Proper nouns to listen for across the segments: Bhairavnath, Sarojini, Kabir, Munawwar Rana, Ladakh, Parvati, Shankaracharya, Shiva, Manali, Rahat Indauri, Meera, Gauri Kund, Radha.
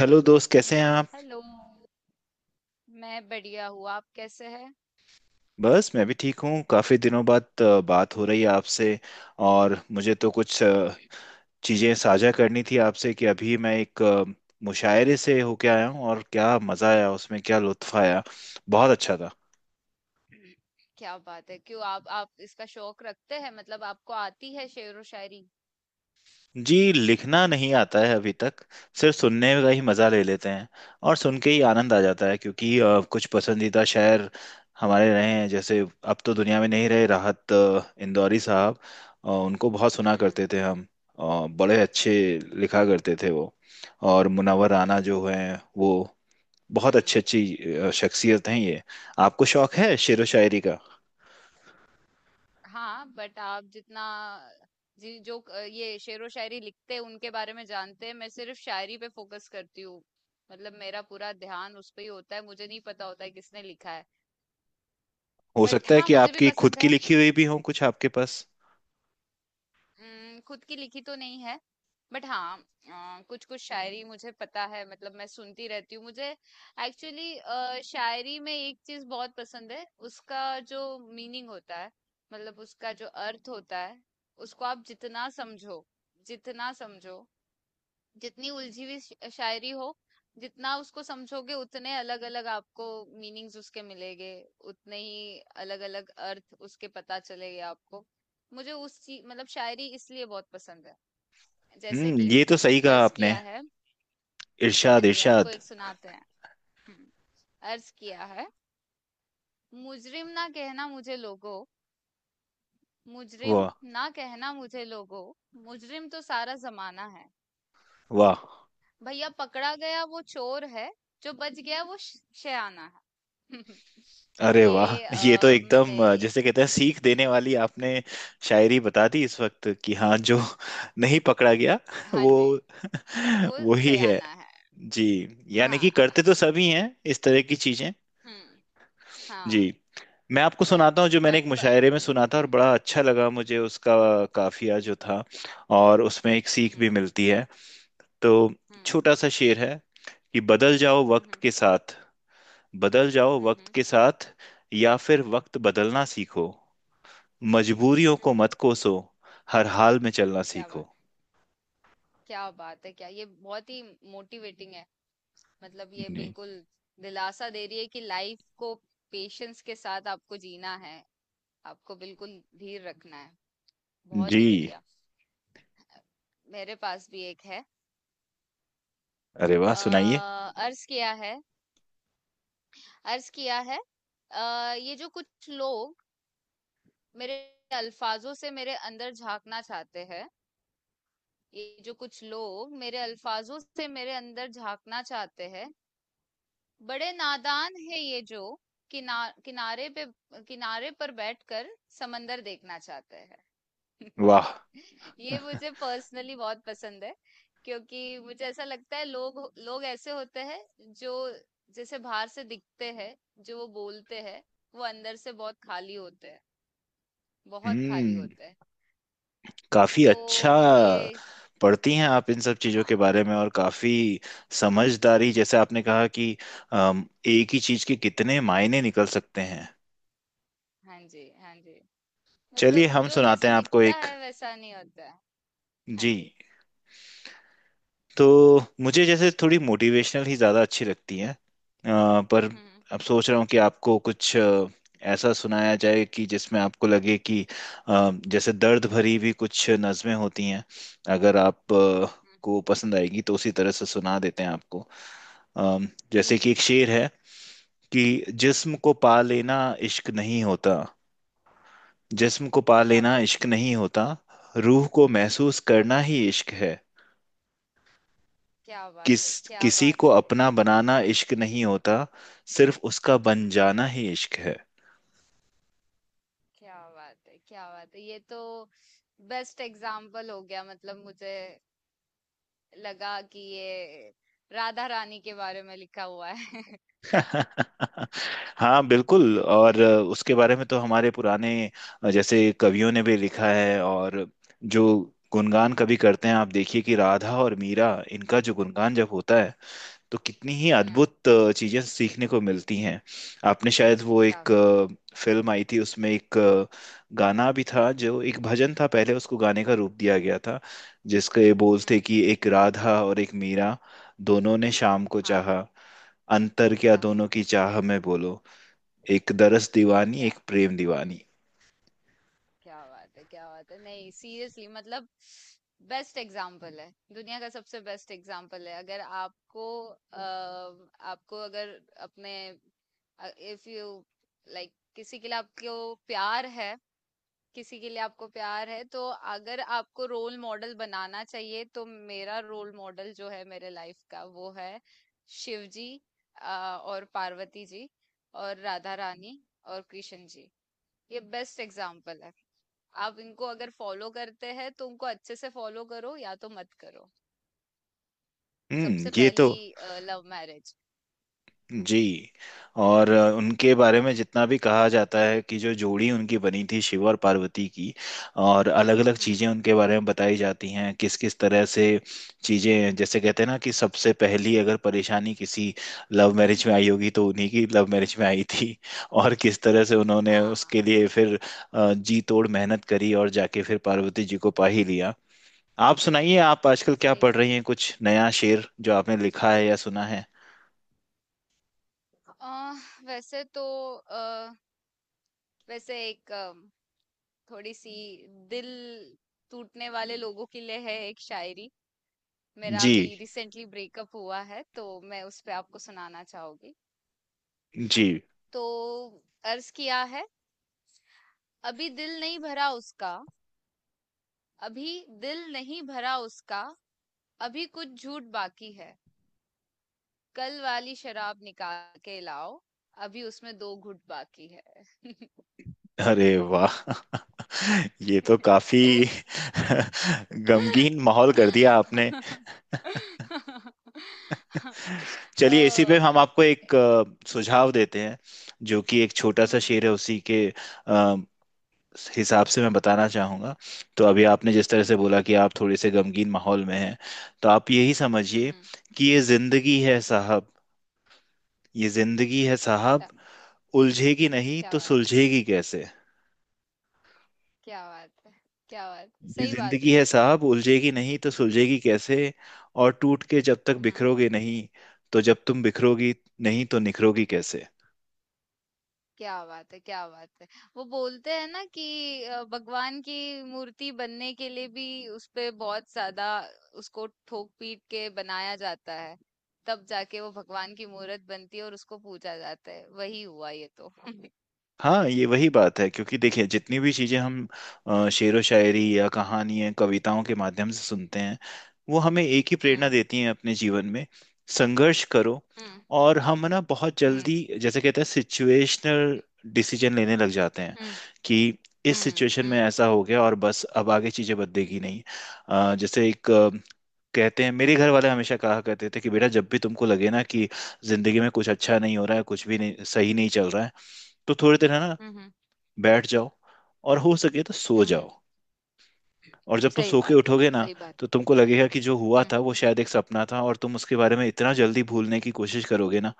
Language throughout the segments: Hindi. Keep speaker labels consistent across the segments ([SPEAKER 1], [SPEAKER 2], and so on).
[SPEAKER 1] हेलो दोस्त, कैसे हैं आप।
[SPEAKER 2] हेलो। मैं बढ़िया हूँ, आप कैसे हैं?
[SPEAKER 1] बस मैं भी ठीक हूँ। काफ़ी दिनों बाद बात हो रही है आपसे। और मुझे तो कुछ चीज़ें साझा करनी थी आपसे कि अभी मैं एक मुशायरे से होके आया हूँ, और क्या मज़ा आया उसमें, क्या लुत्फ़ आया, बहुत अच्छा था।
[SPEAKER 2] क्या बात है, क्यों आप इसका शौक रखते हैं? मतलब आपको आती है शेर व शायरी?
[SPEAKER 1] जी, लिखना नहीं आता है अभी तक, सिर्फ सुनने का ही मज़ा ले
[SPEAKER 2] हम्म।
[SPEAKER 1] लेते हैं। और सुन के ही आनंद आ जाता है क्योंकि कुछ पसंदीदा शायर हमारे रहे हैं, जैसे अब तो दुनिया में नहीं रहे राहत इंदौरी साहब। उनको बहुत सुना
[SPEAKER 2] हम्म।
[SPEAKER 1] करते थे हम। बड़े अच्छे
[SPEAKER 2] हम्म।
[SPEAKER 1] लिखा करते थे वो। और मुनव्वर राना
[SPEAKER 2] हम्म।
[SPEAKER 1] जो हैं वो बहुत
[SPEAKER 2] हम्म।
[SPEAKER 1] अच्छी अच्छी
[SPEAKER 2] हम्म।
[SPEAKER 1] शख्सियत हैं ये। आपको शौक है शेरो
[SPEAKER 2] हम्म।
[SPEAKER 1] शायरी का।
[SPEAKER 2] हाँ, बट आप जितना जी जो ये शेर व शायरी लिखते हैं उनके बारे में जानते हैं, मैं सिर्फ शायरी पे फोकस करती हूँ। मतलब मेरा पूरा ध्यान उस पे ही होता है, मुझे नहीं पता होता है किसने लिखा है।
[SPEAKER 1] हो
[SPEAKER 2] बट
[SPEAKER 1] सकता है
[SPEAKER 2] हाँ,
[SPEAKER 1] कि
[SPEAKER 2] मुझे भी
[SPEAKER 1] आपकी खुद
[SPEAKER 2] पसंद
[SPEAKER 1] की
[SPEAKER 2] है।
[SPEAKER 1] लिखी हुई भी हो कुछ आपके पास।
[SPEAKER 2] खुद की लिखी तो नहीं है, बट हाँ कुछ-कुछ शायरी मुझे पता है, मतलब मैं सुनती रहती हूँ। मुझे एक्चुअली शायरी में एक चीज़ बहुत पसंद है, उसका जो मीनिंग होता है, मतलब उसका जो अर्थ होता है, उसको आप जितना समझो जितनी उलझी हुई शायरी हो, जितना उसको समझोगे उतने अलग अलग आपको मीनिंग्स उसके मिलेंगे, उतने ही अलग अलग अर्थ उसके पता चलेंगे आपको। मुझे उस चीज मतलब शायरी इसलिए बहुत पसंद है। जैसे
[SPEAKER 1] हम्म,
[SPEAKER 2] कि
[SPEAKER 1] ये तो सही कहा
[SPEAKER 2] अर्ज
[SPEAKER 1] आपने।
[SPEAKER 2] किया है। हाँ
[SPEAKER 1] इरशाद
[SPEAKER 2] जी, आपको
[SPEAKER 1] इरशाद।
[SPEAKER 2] एक सुनाते हैं। हम्म। अर्ज किया है। मुजरिम ना कहना मुझे लोगो, मुजरिम
[SPEAKER 1] वाह।
[SPEAKER 2] ना कहना मुझे लोगो, मुजरिम तो सारा जमाना है।
[SPEAKER 1] वाह।
[SPEAKER 2] भैया पकड़ा गया वो चोर है, जो बच गया वो शयाना है।
[SPEAKER 1] अरे वाह,
[SPEAKER 2] ये
[SPEAKER 1] ये तो
[SPEAKER 2] मैंने
[SPEAKER 1] एकदम
[SPEAKER 2] एक
[SPEAKER 1] जैसे कहते हैं सीख देने वाली आपने शायरी बता दी इस वक्त कि हाँ, जो नहीं पकड़ा गया
[SPEAKER 2] हाँ
[SPEAKER 1] वो
[SPEAKER 2] जी वो
[SPEAKER 1] वो ही है।
[SPEAKER 2] सयाना है।
[SPEAKER 1] जी, यानी कि
[SPEAKER 2] हाँ।
[SPEAKER 1] करते तो सभी हैं इस तरह की चीजें।
[SPEAKER 2] हम्म।
[SPEAKER 1] जी,
[SPEAKER 2] हाँ,
[SPEAKER 1] मैं आपको
[SPEAKER 2] बट
[SPEAKER 1] सुनाता हूँ जो मैंने एक
[SPEAKER 2] बट
[SPEAKER 1] मुशायरे में सुना था और
[SPEAKER 2] हम्म।
[SPEAKER 1] बड़ा अच्छा लगा मुझे उसका काफिया जो था, और उसमें एक सीख
[SPEAKER 2] हम्म।
[SPEAKER 1] भी मिलती है। तो
[SPEAKER 2] हम्म।
[SPEAKER 1] छोटा सा शेर है कि बदल जाओ
[SPEAKER 2] हम्म।
[SPEAKER 1] वक्त के
[SPEAKER 2] हम्म।
[SPEAKER 1] साथ, बदल जाओ वक्त
[SPEAKER 2] हम्म।
[SPEAKER 1] के साथ या फिर वक्त बदलना सीखो, मजबूरियों
[SPEAKER 2] हम्म।
[SPEAKER 1] को
[SPEAKER 2] हम्म।
[SPEAKER 1] मत कोसो, हर हाल में चलना
[SPEAKER 2] क्या
[SPEAKER 1] सीखो।
[SPEAKER 2] बात, क्या बात है! क्या ये बहुत ही मोटिवेटिंग है! मतलब ये
[SPEAKER 1] जी।
[SPEAKER 2] बिल्कुल दिलासा दे रही है कि लाइफ को पेशेंस के साथ आपको जीना है, आपको बिल्कुल धीर रखना है। बहुत
[SPEAKER 1] जी,
[SPEAKER 2] ही बढ़िया। मेरे पास भी एक है।
[SPEAKER 1] अरे वाह,
[SPEAKER 2] आ,
[SPEAKER 1] सुनाइए।
[SPEAKER 2] अर्ज किया है। अर्ज किया है। ये जो कुछ लोग मेरे अल्फाजों से मेरे अंदर झांकना चाहते हैं, ये जो कुछ लोग मेरे अल्फाजों से मेरे अंदर झांकना चाहते हैं, बड़े नादान है ये जो किनारे पे किनारे पर बैठकर समंदर देखना चाहते हैं।
[SPEAKER 1] वाह।
[SPEAKER 2] ये मुझे पर्सनली बहुत पसंद है, क्योंकि मुझे ऐसा लगता है लोग, लोग ऐसे होते हैं जो जैसे बाहर से दिखते हैं, जो वो बोलते हैं, वो अंदर से बहुत खाली होते हैं, बहुत खाली
[SPEAKER 1] हम्म,
[SPEAKER 2] होते हैं।
[SPEAKER 1] काफी
[SPEAKER 2] तो
[SPEAKER 1] अच्छा।
[SPEAKER 2] मुझे ये
[SPEAKER 1] पढ़ती हैं आप इन सब चीजों
[SPEAKER 2] हाँ,
[SPEAKER 1] के बारे में और काफी समझदारी, जैसे आपने कहा कि एक ही चीज के कितने मायने निकल सकते हैं।
[SPEAKER 2] हाँ जी, हाँ जी,
[SPEAKER 1] चलिए
[SPEAKER 2] मतलब
[SPEAKER 1] हम
[SPEAKER 2] जो
[SPEAKER 1] सुनाते
[SPEAKER 2] जैसा
[SPEAKER 1] हैं आपको
[SPEAKER 2] दिखता
[SPEAKER 1] एक।
[SPEAKER 2] है वैसा नहीं होता है। हाँ
[SPEAKER 1] जी,
[SPEAKER 2] जी।
[SPEAKER 1] तो मुझे जैसे थोड़ी मोटिवेशनल ही ज़्यादा अच्छी लगती हैं पर
[SPEAKER 2] हम्म।
[SPEAKER 1] अब सोच रहा हूँ कि आपको कुछ ऐसा सुनाया जाए कि जिसमें आपको लगे कि जैसे दर्द भरी भी कुछ नज़में होती हैं। अगर आप को पसंद आएगी तो उसी तरह से सुना देते हैं आपको। अम, जैसे
[SPEAKER 2] प्लीज।
[SPEAKER 1] कि एक शेर है कि जिस्म को पा लेना इश्क नहीं होता, जिस्म को पा
[SPEAKER 2] क्या
[SPEAKER 1] लेना
[SPEAKER 2] बात है!
[SPEAKER 1] इश्क नहीं होता, रूह को महसूस करना ही इश्क है।
[SPEAKER 2] क्या
[SPEAKER 1] किस
[SPEAKER 2] बात है! क्या
[SPEAKER 1] किसी को
[SPEAKER 2] बात है!
[SPEAKER 1] अपना बनाना इश्क नहीं होता, सिर्फ उसका बन
[SPEAKER 2] हम्म।
[SPEAKER 1] जाना ही इश्क है।
[SPEAKER 2] क्या बात है, क्या बात है! ये तो बेस्ट एग्जाम्पल हो गया, मतलब मुझे लगा कि ये राधा रानी के बारे में लिखा हुआ है।
[SPEAKER 1] हाँ बिल्कुल। और उसके बारे में तो हमारे पुराने जैसे कवियों ने भी लिखा है, और जो गुणगान कभी करते हैं आप देखिए कि राधा और मीरा, इनका जो गुणगान जब होता है तो कितनी ही
[SPEAKER 2] हाँ,
[SPEAKER 1] अद्भुत चीजें सीखने को मिलती हैं। आपने शायद वो एक
[SPEAKER 2] काफी का
[SPEAKER 1] फिल्म आई थी, उसमें एक गाना भी था जो एक भजन था, पहले उसको गाने का रूप दिया गया था, जिसके बोल
[SPEAKER 2] हम्म।
[SPEAKER 1] थे कि एक राधा और एक मीरा दोनों ने शाम को
[SPEAKER 2] हाँ।
[SPEAKER 1] चाहा, अंतर क्या
[SPEAKER 2] अच्छा,
[SPEAKER 1] दोनों
[SPEAKER 2] हाँ।
[SPEAKER 1] की चाह में बोलो, एक दरस दीवानी
[SPEAKER 2] क्या,
[SPEAKER 1] एक प्रेम दीवानी।
[SPEAKER 2] क्या बात, है क्या बात है! नहीं, सीरियसली, मतलब बेस्ट एग्जाम्पल है। दुनिया का सबसे बेस्ट एग्जाम्पल है। अगर आपको आपको अगर अपने इफ यू लाइक किसी के लिए आपको प्यार है, किसी के लिए आपको प्यार है तो अगर आपको रोल मॉडल बनाना चाहिए, तो मेरा रोल मॉडल जो है मेरे लाइफ का, वो है शिव जी और पार्वती जी, और राधा रानी, और कृष्ण जी। ये बेस्ट एग्जाम्पल है। आप इनको अगर फॉलो करते हैं तो उनको अच्छे से फॉलो करो, या तो मत करो।
[SPEAKER 1] हम्म,
[SPEAKER 2] सबसे
[SPEAKER 1] ये तो।
[SPEAKER 2] पहली लव मैरिज।
[SPEAKER 1] जी, और उनके बारे में जितना भी कहा जाता है कि जो जोड़ी उनकी बनी थी शिव और पार्वती की, और अलग अलग
[SPEAKER 2] हम्म।
[SPEAKER 1] चीजें उनके बारे में बताई जाती हैं किस किस तरह से, चीजें जैसे कहते हैं ना कि सबसे पहली अगर परेशानी किसी लव मैरिज में आई होगी तो उन्हीं की लव मैरिज में आई थी। और किस तरह से उन्होंने
[SPEAKER 2] हाँ,
[SPEAKER 1] उसके लिए फिर जी तोड़ मेहनत करी और जाके फिर पार्वती जी को पा ही लिया। आप सुनाइए, आप आजकल क्या
[SPEAKER 2] सही
[SPEAKER 1] पढ़
[SPEAKER 2] बात।
[SPEAKER 1] रही हैं, कुछ नया शेर जो आपने लिखा है या सुना है।
[SPEAKER 2] अ, वैसे तो अ, वैसे एक थोड़ी सी दिल टूटने वाले लोगों के लिए है एक शायरी। मेरा
[SPEAKER 1] जी।
[SPEAKER 2] अभी रिसेंटली ब्रेकअप हुआ है, तो मैं उस पे आपको सुनाना चाहूंगी।
[SPEAKER 1] जी,
[SPEAKER 2] तो अर्ज किया है। अभी दिल नहीं भरा उसका, अभी दिल नहीं भरा उसका, अभी कुछ झूठ बाकी है, कल वाली शराब निकाल के लाओ, अभी उसमें दो घूंट बाकी है।
[SPEAKER 1] अरे वाह, ये तो काफी गमगीन माहौल कर दिया आपने। चलिए इसी पे
[SPEAKER 2] ओ।
[SPEAKER 1] हम आपको एक सुझाव देते हैं जो कि एक छोटा
[SPEAKER 2] हुँ,
[SPEAKER 1] सा
[SPEAKER 2] हुँ।
[SPEAKER 1] शेर है उसी के अ, हिसाब से मैं बताना चाहूंगा। तो अभी आपने जिस तरह
[SPEAKER 2] हुँ,
[SPEAKER 1] से
[SPEAKER 2] हुँ।
[SPEAKER 1] बोला कि आप थोड़े से गमगीन माहौल में हैं, तो आप यही
[SPEAKER 2] हुँ,
[SPEAKER 1] समझिए
[SPEAKER 2] हुँ,
[SPEAKER 1] कि ये जिंदगी है
[SPEAKER 2] हुँ।
[SPEAKER 1] साहब, ये जिंदगी है साहब,
[SPEAKER 2] क्या,
[SPEAKER 1] उलझेगी नहीं
[SPEAKER 2] क्या
[SPEAKER 1] तो
[SPEAKER 2] बात,
[SPEAKER 1] सुलझेगी कैसे।
[SPEAKER 2] क्या बात है! क्या बात है,
[SPEAKER 1] ये
[SPEAKER 2] सही बात
[SPEAKER 1] जिंदगी
[SPEAKER 2] है।
[SPEAKER 1] है साहब उलझेगी नहीं तो सुलझेगी कैसे, और टूट के जब तक
[SPEAKER 2] हुँ।
[SPEAKER 1] बिखरोगे नहीं, तो जब तुम बिखरोगी नहीं तो निखरोगी कैसे।
[SPEAKER 2] क्या बात है, क्या बात है। वो बोलते हैं ना कि भगवान की मूर्ति बनने के लिए भी उसपे बहुत ज़्यादा, उसको ठोक-पीट के बनाया जाता है। तब जाके वो भगवान की मूरत बनती है और उसको पूजा जाता है। वही हुआ ये तो।
[SPEAKER 1] हाँ, ये वही बात है क्योंकि देखिए जितनी भी चीज़ें हम शेरो शायरी या कहानियां कविताओं के माध्यम से सुनते हैं, वो हमें एक ही प्रेरणा
[SPEAKER 2] हुँ,
[SPEAKER 1] देती हैं अपने जीवन में, संघर्ष करो।
[SPEAKER 2] हुँ,
[SPEAKER 1] और हम ना बहुत
[SPEAKER 2] हुँ,
[SPEAKER 1] जल्दी जैसे कहते हैं सिचुएशनल डिसीजन लेने लग जाते हैं
[SPEAKER 2] हुँ,
[SPEAKER 1] कि इस
[SPEAKER 2] हुँ,
[SPEAKER 1] सिचुएशन में
[SPEAKER 2] हुँ।
[SPEAKER 1] ऐसा हो गया और बस अब आगे चीज़ें बदलेगी नहीं। जैसे एक कहते हैं मेरे घर वाले हमेशा कहा करते थे कि बेटा जब भी तुमको लगे ना कि जिंदगी में कुछ अच्छा नहीं हो रहा है, कुछ भी नहीं सही नहीं चल रहा है, तो थोड़ी देर है ना,
[SPEAKER 2] हुँ, हुँ,
[SPEAKER 1] बैठ जाओ और हो सके तो
[SPEAKER 2] हुँ,
[SPEAKER 1] सो
[SPEAKER 2] हुँ।
[SPEAKER 1] जाओ। और जब तुम
[SPEAKER 2] सही
[SPEAKER 1] सो के
[SPEAKER 2] बात है,
[SPEAKER 1] उठोगे ना,
[SPEAKER 2] सही बात
[SPEAKER 1] तो तुमको लगेगा कि जो हुआ
[SPEAKER 2] है। हुँ।
[SPEAKER 1] था वो शायद एक सपना था, और तुम उसके बारे में इतना जल्दी भूलने की कोशिश करोगे ना।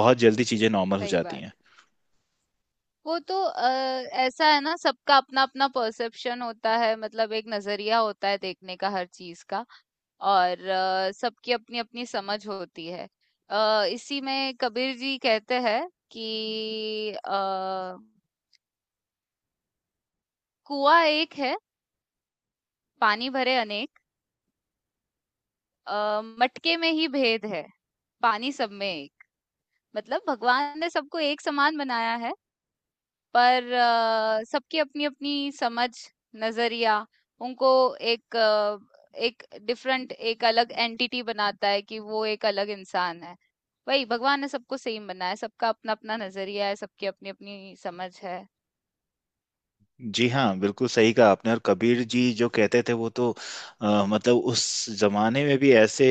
[SPEAKER 1] बहुत जल्दी चीजें नॉर्मल हो
[SPEAKER 2] सही
[SPEAKER 1] जाती
[SPEAKER 2] बात।
[SPEAKER 1] हैं।
[SPEAKER 2] वो तो ऐसा है ना, सबका अपना अपना परसेप्शन होता है, मतलब एक नजरिया होता है देखने का हर चीज का। और सबकी अपनी अपनी समझ होती है। इसी में कबीर जी कहते हैं कि कुआं एक है, पानी भरे अनेक, मटके में ही भेद है, पानी सब में एक। मतलब भगवान ने सबको एक समान बनाया है, पर सबकी अपनी-अपनी समझ, नज़रिया उनको एक अ, एक डिफरेंट, एक अलग एंटिटी बनाता है कि वो एक अलग इंसान है। वही भगवान ने सबको सेम बनाया है, सबका अपना-अपना नज़रिया है, सबकी अपनी-अपनी समझ है।
[SPEAKER 1] जी हाँ, बिल्कुल सही कहा आपने। और कबीर जी जो कहते थे वो तो मतलब उस जमाने में भी ऐसे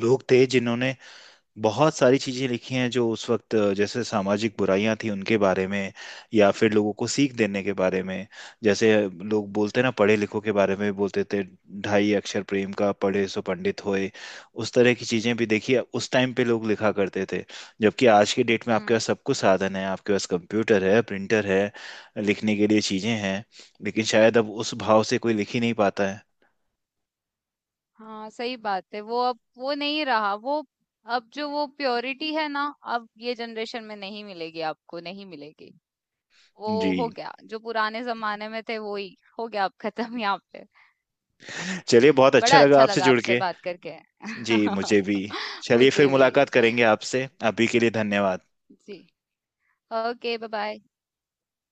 [SPEAKER 1] लोग थे जिन्होंने बहुत सारी चीजें लिखी हैं, जो उस वक्त जैसे सामाजिक बुराइयां थी उनके बारे में या फिर लोगों को सीख देने के बारे में। जैसे लोग बोलते ना, पढ़े लिखों के बारे में बोलते थे, ढाई अक्षर प्रेम का पढ़े सो पंडित होए। उस तरह की चीजें भी देखिए उस टाइम पे लोग लिखा करते थे, जबकि आज के डेट में आपके पास
[SPEAKER 2] हुँ।
[SPEAKER 1] सब कुछ साधन है, आपके पास कंप्यूटर है, प्रिंटर है, लिखने के लिए चीजें हैं, लेकिन शायद अब उस भाव से कोई लिख ही नहीं पाता है।
[SPEAKER 2] हाँ, सही बात है। वो अब वो नहीं रहा, वो अब जो वो प्योरिटी है ना, अब ये जनरेशन में नहीं मिलेगी आपको, नहीं मिलेगी।
[SPEAKER 1] जी।
[SPEAKER 2] वो हो गया, जो पुराने ज़माने में थे वो ही हो गया, अब खत्म यहाँ पे।
[SPEAKER 1] चलिए बहुत अच्छा
[SPEAKER 2] बड़ा
[SPEAKER 1] लगा
[SPEAKER 2] अच्छा
[SPEAKER 1] आपसे
[SPEAKER 2] लगा
[SPEAKER 1] जुड़
[SPEAKER 2] आपसे
[SPEAKER 1] के।
[SPEAKER 2] बात करके।
[SPEAKER 1] जी मुझे भी। चलिए फिर
[SPEAKER 2] मुझे भी।
[SPEAKER 1] मुलाकात करेंगे आपसे, अभी के लिए धन्यवाद।
[SPEAKER 2] जी। Okay, bye bye.